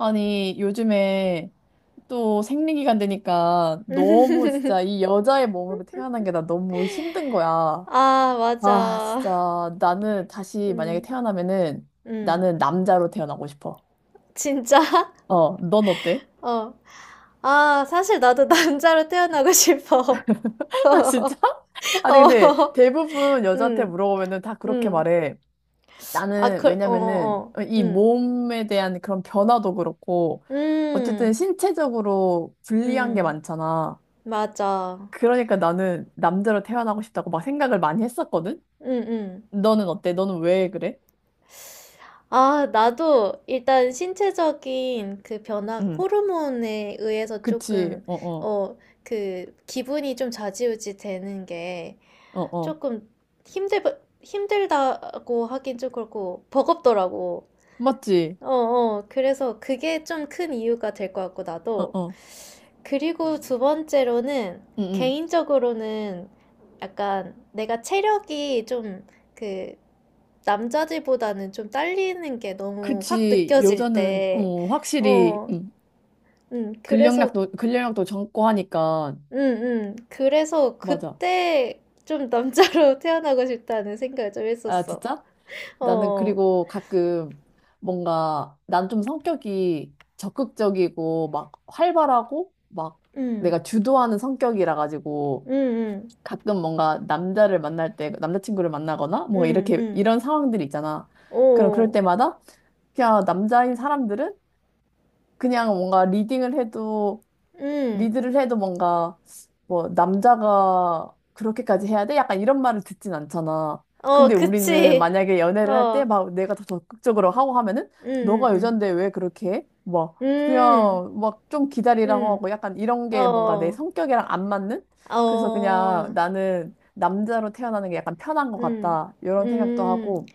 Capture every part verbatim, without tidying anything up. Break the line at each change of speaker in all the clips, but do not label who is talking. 아니, 요즘에 또 생리기간 되니까 너무 진짜 이 여자의 몸으로 태어난 게 나 너무 힘든 거야.
아,
아,
맞아.
진짜 나는 다시 만약에
음,
태어나면은
음.
나는 남자로 태어나고 싶어.
진짜?
어, 넌 어때?
어. 아, 사실 나도 남자로 태어나고 싶어.
아, 진짜? 아니, 근데
어,
대부분 여자한테
음,
물어보면은 다 그렇게
음.
말해.
아,
나는
그, 어,
왜냐면은
어, 어.
이
음.
몸에 대한 그런 변화도 그렇고 어쨌든
음,
신체적으로 불리한 게
음.
많잖아.
맞아.
그러니까 나는 남자로 태어나고 싶다고 막 생각을 많이 했었거든?
음, 음.
너는 어때? 너는 왜 그래?
아, 나도 일단 신체적인 그 변화,
응,
호르몬에 의해서
그치,
조금,
어어,
어, 그, 기분이 좀 좌지우지 되는 게,
어어.
조금 힘들, 힘들다고 하긴 좀 그렇고, 버겁더라고.
맞지?
어, 어. 그래서 그게 좀 큰 이유가 될 것 같고, 나도.
어어.
그리고
응,
두 번째로는,
응.
개인적으로는 약간 내가 체력이 좀 그, 남자들보다는 좀 딸리는 게 너무 확
그치,
느껴질
여자는,
때,
어, 확실히,
어,
응.
음, 그래서,
근력량도, 근력량도 적고 하니까.
음, 음, 그래서
맞아.
그때 좀 남자로 태어나고 싶다는 생각을 좀
아,
했었어.
진짜? 나는
어,
그리고 가끔 뭔가, 난 좀 성격이 적극적이고, 막 활발하고, 막
응,
내가 주도하는 성격이라 가지고,
응, 응,
가끔 뭔가 남자를 만날 때 남자친구를 만나거나 뭐
응,
이렇게
응,
이런 상황들이 있잖아. 그럼 그럴
오,
때마다 그냥 남자인 사람들은 그냥 뭔가 리딩을 해도
응,
리드를 해도 뭔가 뭐 남자가 그렇게까지 해야 돼? 약간 이런 말을 듣진 않잖아.
어,
근데 우리는
그치,
만약에 연애를 할 때
어,
막 내가 더 적극적으로 하고 하면은
응,
너가
응,
여잔데 왜 그렇게 해? 뭐
응,
그냥 막 좀
응,
기다리라고
응,
하고 약간 이런 게 뭔가 내
어,
성격이랑 안 맞는? 그래서 그냥
어,
나는 남자로 태어나는 게 약간 편한 것
응,
같다. 이런 생각도
응,
하고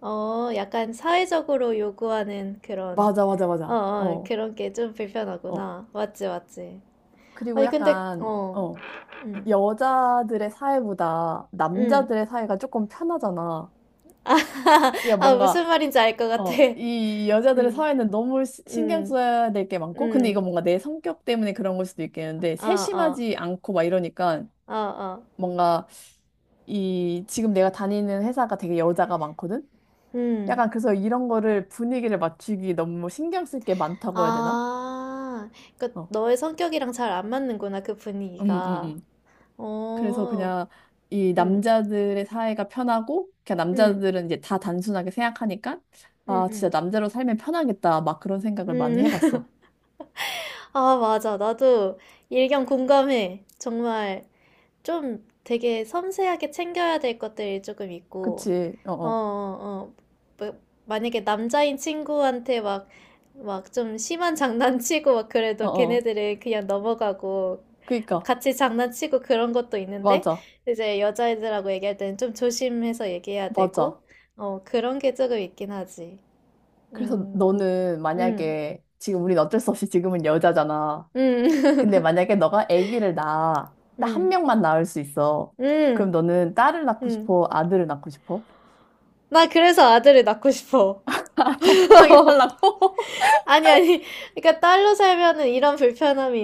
어, 약간 사회적으로 요구하는 그런,
맞아 맞아
어,
맞아.
어,
어.
그런 게 좀
어.
불편하구나. 맞지, 맞지.
그리고
아니, 근데,
약간,
어,
어,
응,
여자들의 사회보다
응.
남자들의 사회가 조금 편하잖아. 그러니까
아,
뭔가,
무슨 말인지 알 것 같아.
어, 이 여자들의
응,
사회는 너무 시- 신경
응,
써야 될 게 많고, 근데
응,
이거 뭔가 내 성격 때문에 그런 걸 수도 있겠는데,
어, 어,
세심하지 않고 막 이러니까,
어, 어.
뭔가 이, 지금 내가 다니는 회사가 되게 여자가 많거든?
음.
약간 그래서 이런 거를 분위기를 맞추기 너무 신경 쓸 게 많다고 해야 되나?
아, 그러니까
어,
너의 성격이랑 잘 안 맞는구나, 그
음, 음,
분위기가.
음. 그래서
어,
그냥 이
음,
남자들의 사회가 편하고, 그냥
음,
남자들은 이제 다 단순하게 생각하니까,
음,
아, 진짜
음,
남자로 살면 편하겠다. 막 그런 생각을 많이
음.
해봤어.
아, 맞아. 나도 일견 공감해. 정말 좀 되게 섬세하게 챙겨야 될 것들이 조금 있고,
그치?
어,
어어.
어, 어. 뭐, 만약에 남자인 친구한테 막, 막 좀 심한 장난치고 막 그래도
어어.
걔네들은 그냥 넘어가고,
그니까.
같이 장난치고 그런 것도 있는데,
맞아.
이제 여자애들하고 얘기할 때는 좀 조심해서 얘기해야 되고,
맞아.
어, 그런 게 조금 있긴 하지.
그래서
음,
너는
음,
만약에, 지금 우린 어쩔 수 없이 지금은 여자잖아.
음,
근데 만약에 너가 아기를 낳아. 나 한
음,
명만 낳을 수 있어. 그럼
음,
너는 딸을 낳고
음.
싶어? 아들을 낳고 싶어?
나 그래서 아들을 낳고 싶어.
더 편하게 살라고?
아니, 아니. 그러니까 딸로 살면은 이런 불편함이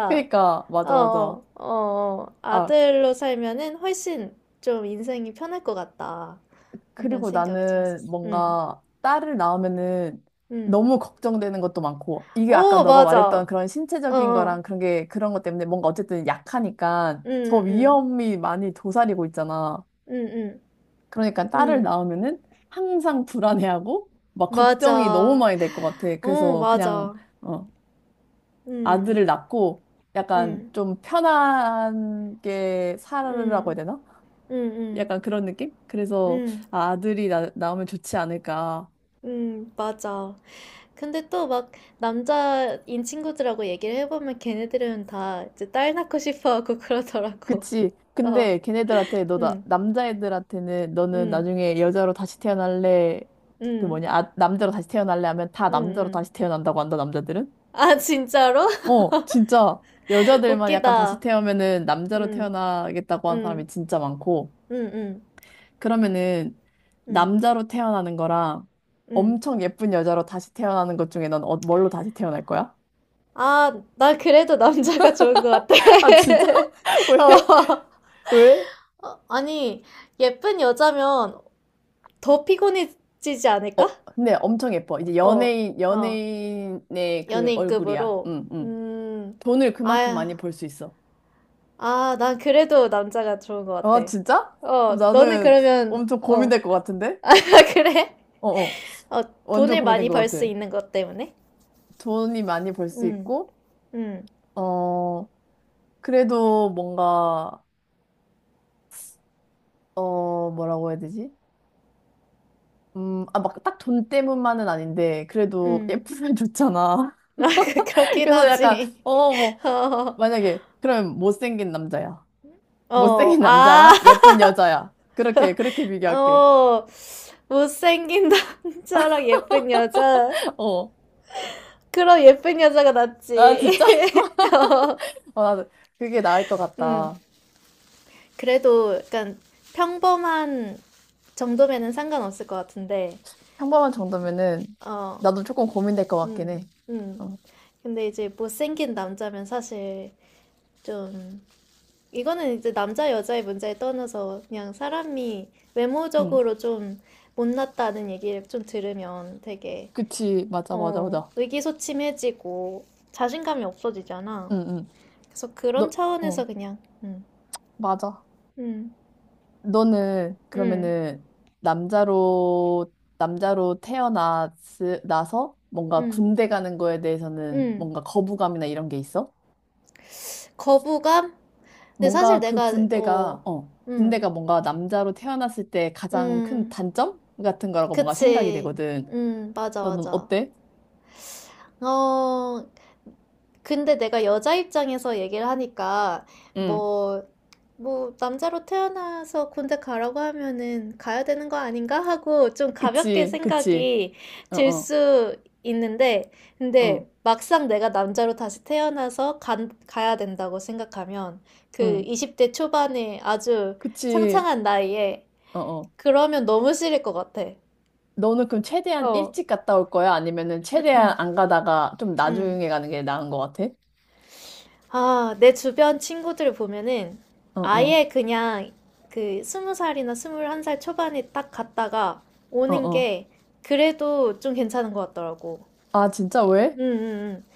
그니까.
어,
맞아,
어,
맞아.
어, 어.
아,
아들로 살면은 훨씬 좀 인생이 편할 것 같다. 이런
그리고
생각을 좀
나는
했었어. 응,
뭔가 딸을 낳으면은
응.
너무 걱정되는 것도 많고, 이게 아까
어,
너가 말했던
맞아.
그런
어,
신체적인
어.
거랑 그런 게, 그런 것 때문에 뭔가 어쨌든 약하니까
응,
더
응,
위험이 많이 도사리고 있잖아.
응, 응,
그러니까
응.
딸을
응.
낳으면은 항상 불안해하고, 막 걱정이 너무
맞아.
많이 될 것 같아.
어,
그래서 그냥,
맞아.
어,
응,
아들을 낳고, 약간
응,
좀 편하게 살아라고 해야
응,
되나?
응, 응,
약간 그런 느낌? 그래서
응,
아, 아들이 나, 나오면 좋지 않을까.
응, 맞아. 근데 또 막 남자인 친구들하고 얘기를 해보면 걔네들은 다 이제 딸 낳고 싶어 하고 그러더라고.
그치.
어,
근데 걔네들한테 너 나,
응,
남자애들한테는 너는
응,
나중에 여자로 다시 태어날래 그
응,
뭐냐 아, 남자로 다시 태어날래 하면 다
응,
남자로
응.
다시 태어난다고 한다 남자들은?
아, 진짜로?
어 진짜 여자들만 약간 다시
웃기다.
태어면은 남자로
응,
태어나겠다고 한
응,
사람이 진짜 많고
응, 응,
그러면은
응,
남자로 태어나는 거랑
응.
엄청 예쁜 여자로 다시 태어나는 것 중에 넌 어, 뭘로 다시 태어날 거야?
아, 나 그래도 남자가 좋은 것 같아.
아 진짜? 왜?
어,
왜?
어, 아니, 예쁜 여자면 더 피곤해지지 않을까?
어, 근데 엄청 예뻐. 이제
어,
연예인,
어.
연예인의 그 얼굴이야.
연예인급으로?
응, 응.
음,
돈을 그만큼 많이
아야,
벌 수 있어.
아, 난 그래도 남자가 좋은 것 같아.
아, 진짜? 그럼
어, 너는
나는
그러면,
엄청
어,
고민될 것 같은데?
아, 그래?
어, 어.
어,
완전
돈을
고민된
많이 벌
것
수
같아.
있는 것 때문에?
돈이 많이 벌 수
음,
있고,
음,
어, 그래도 뭔가, 어, 뭐라고 해야 되지? 음, 아, 막 딱 돈 때문만은 아닌데, 그래도
음.
예쁘면 좋잖아.
아, 그- 그렇긴
그래서 약간,
하지.
어, 뭐,
어,
만약에, 그럼 못생긴 남자야.
어,
못생긴
아,
남자랑 예쁜 여자야. 그렇게, 그렇게 비교할게.
어, 못생긴 남자랑 예쁜 여자.
어.
그럼 예쁜 여자가
아,
낫지.
진짜?
어,
어, 나도 그게 나을 것
음.
같다.
그래도 약간 평범한 정도면은 상관없을 것 같은데,
평범한 정도면은
어,
나도 조금 고민될 것 같긴
음,
해.
음.
어,
근데 이제 못생긴 남자면 사실 좀, 이거는 이제 남자 여자의 문제에 떠나서 그냥 사람이
응.
외모적으로 좀 못났다는 얘기를 좀 들으면 되게,
그치. 맞아, 맞아,
어,
맞아.
의기소침해지고 자신감이 없어지잖아.
응, 응.
그래서 그런
너, 응.
차원에서 그냥, 음,
맞아.
음,
너는
음,
그러면은 남자로, 남자로 태어나서 뭔가
음,
군대 가는 거에 대해서는
음.
뭔가 거부감이나 이런 게 있어?
거부감? 근데 사실
뭔가 그
내가 어,
군대가, 어,
음,
군대가 뭔가 남자로 태어났을 때 가장 큰
음,
단점 같은 거라고 뭔가 생각이
그치,
되거든.
음, 맞아,
너는
맞아.
어때?
어, 근데 내가 여자 입장에서 얘기를 하니까
응.
뭐, 뭐 남자로 태어나서 군대 가라고 하면은 가야 되는 거 아닌가 하고 좀 가볍게
그치, 그치.
생각이
어,
들
어,
수 있는데, 근데
어,
막상 내가 남자로 다시 태어나서 간, 가야 된다고 생각하면 그
응.
이십 대 초반에 아주
그치,
창창한 나이에
어, 어.
그러면 너무 싫을 것 같아.
너는 그럼 최대한
어,
일찍 갔다 올 거야? 아니면은 최대한 안 가다가 좀
음.
나중에 가는 게 나은 것 같아?
아, 내 주변 친구들 보면은
어, 어,
아예 그냥 그 스무 살이나 스물한 살 초반에 딱 갔다가
어,
오는
어.
게 그래도 좀 괜찮은 것 같더라고.
아, 진짜
음,
왜?
음, 음.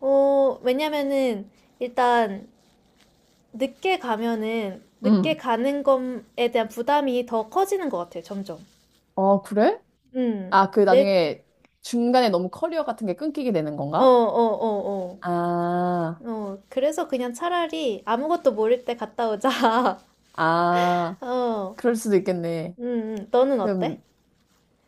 어, 왜냐면은 일단 늦게 가면은 늦게
응.
가는 것에 대한 부담이 더 커지는 것 같아요, 점점.
어, 그래?
음.
아, 그
내,
나중에 중간에 너무 커리어 같은 게 끊기게 되는
어, 어,
건가?
어, 어.
아,
어, 그래서 그냥 차라리 아무것도 모를 때 갔다 오자.
아.
어,
그럴 수도 있겠네.
음, 음. 너는
그럼,
어때?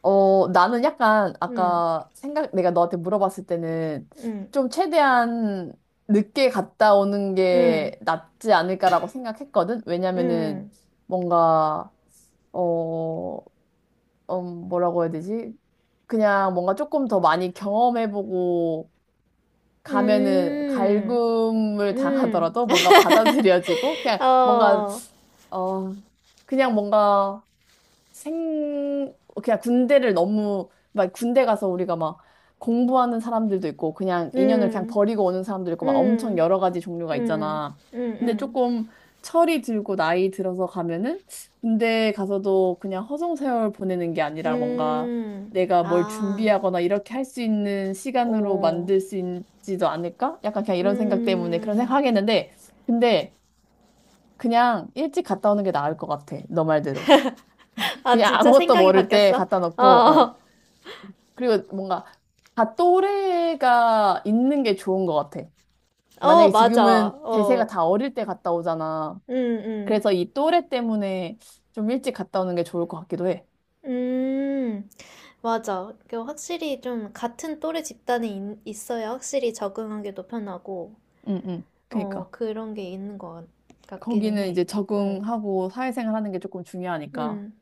어, 나는 약간
음,
아까 생각, 내가 너한테 물어봤을 때는
음,
좀 최대한 늦게 갔다 오는
음,
게 낫지 않을까라고 생각했거든? 왜냐면은
음,
뭔가, 어, 음, 뭐라고 해야 되지? 그냥 뭔가 조금 더 많이 경험해보고 가면은
음, 음,
갈굼을
음.
당하더라도 뭔가 받아들여지고 그냥 뭔가,
어,
어, 그냥 뭔가 생, 그냥 군대를 너무, 막 군대 가서 우리가 막 공부하는 사람들도 있고, 그냥 인연을 그냥
음,
버리고 오는 사람도 있고, 막 엄청
음,
여러 가지 종류가
음,
있잖아.
음,
근데
음,
조금 철이 들고 나이 들어서 가면은 군대 가서도 그냥 허송세월 보내는 게 아니라 뭔가
음.
내가 뭘
아,
준비하거나 이렇게 할 수 있는 시간으로
오,
만들 수 있지도 않을까? 약간 그냥 이런 생각 때문에 그런 생각
음.
하겠는데, 근데 그냥 일찍 갔다 오는 게 나을 것 같아. 너 말대로.
아,
그냥
진짜
아무것도
생각이
모를 때
바뀌었어?
갖다 놓고, 어.
어,
그리고 뭔가 다 또래가 있는 게 좋은 것 같아.
어,
만약에
맞아.
지금은 대세가
어,
다 어릴 때 갔다 오잖아.
음, 음.
그래서 이 또래 때문에 좀 일찍 갔다 오는 게 좋을 것 같기도 해.
음, 맞아. 그 확실히 좀 같은 또래 집단에 있, 있어야 확실히 적응하기도 편하고,
응, 응.
어,
그니까.
그런 게 있는 것 같- 같기는
거기는
해.
이제
어,
적응하고 사회생활 하는 게 조금 중요하니까.
음,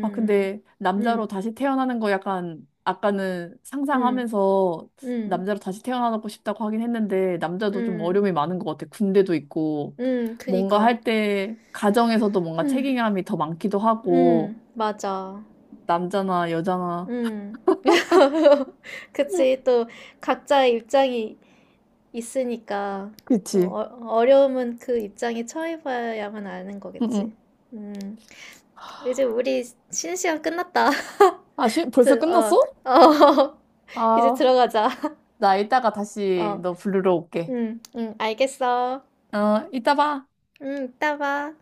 아, 근데 남자로
음,
다시 태어나는 거 약간 아까는
음,
상상하면서
음,
남자로 다시 태어나고 싶다고 하긴 했는데
음,
남자도 좀 어려움이
음,
많은 것 같아. 군대도 있고
음,
뭔가
그니까.
할 때 가정에서도 뭔가 책임감이 더 많기도 하고
음, 맞아.
남자나 여자나
음. 그치. 또 각자의 입장이 있으니까, 또
그치?
어, 어려움은 그 입장에 처해봐야만 아는 거겠지.
응응.
음. 이제 우리 쉬는 시간 끝났다.
아, 시, 벌써
드, 어,
끝났어?
어, 이제
아,
들어가자.
나 이따가 다시
어,
너 부르러 올게.
응, 응, 알겠어.
어, 이따 봐.
응, 이따 봐.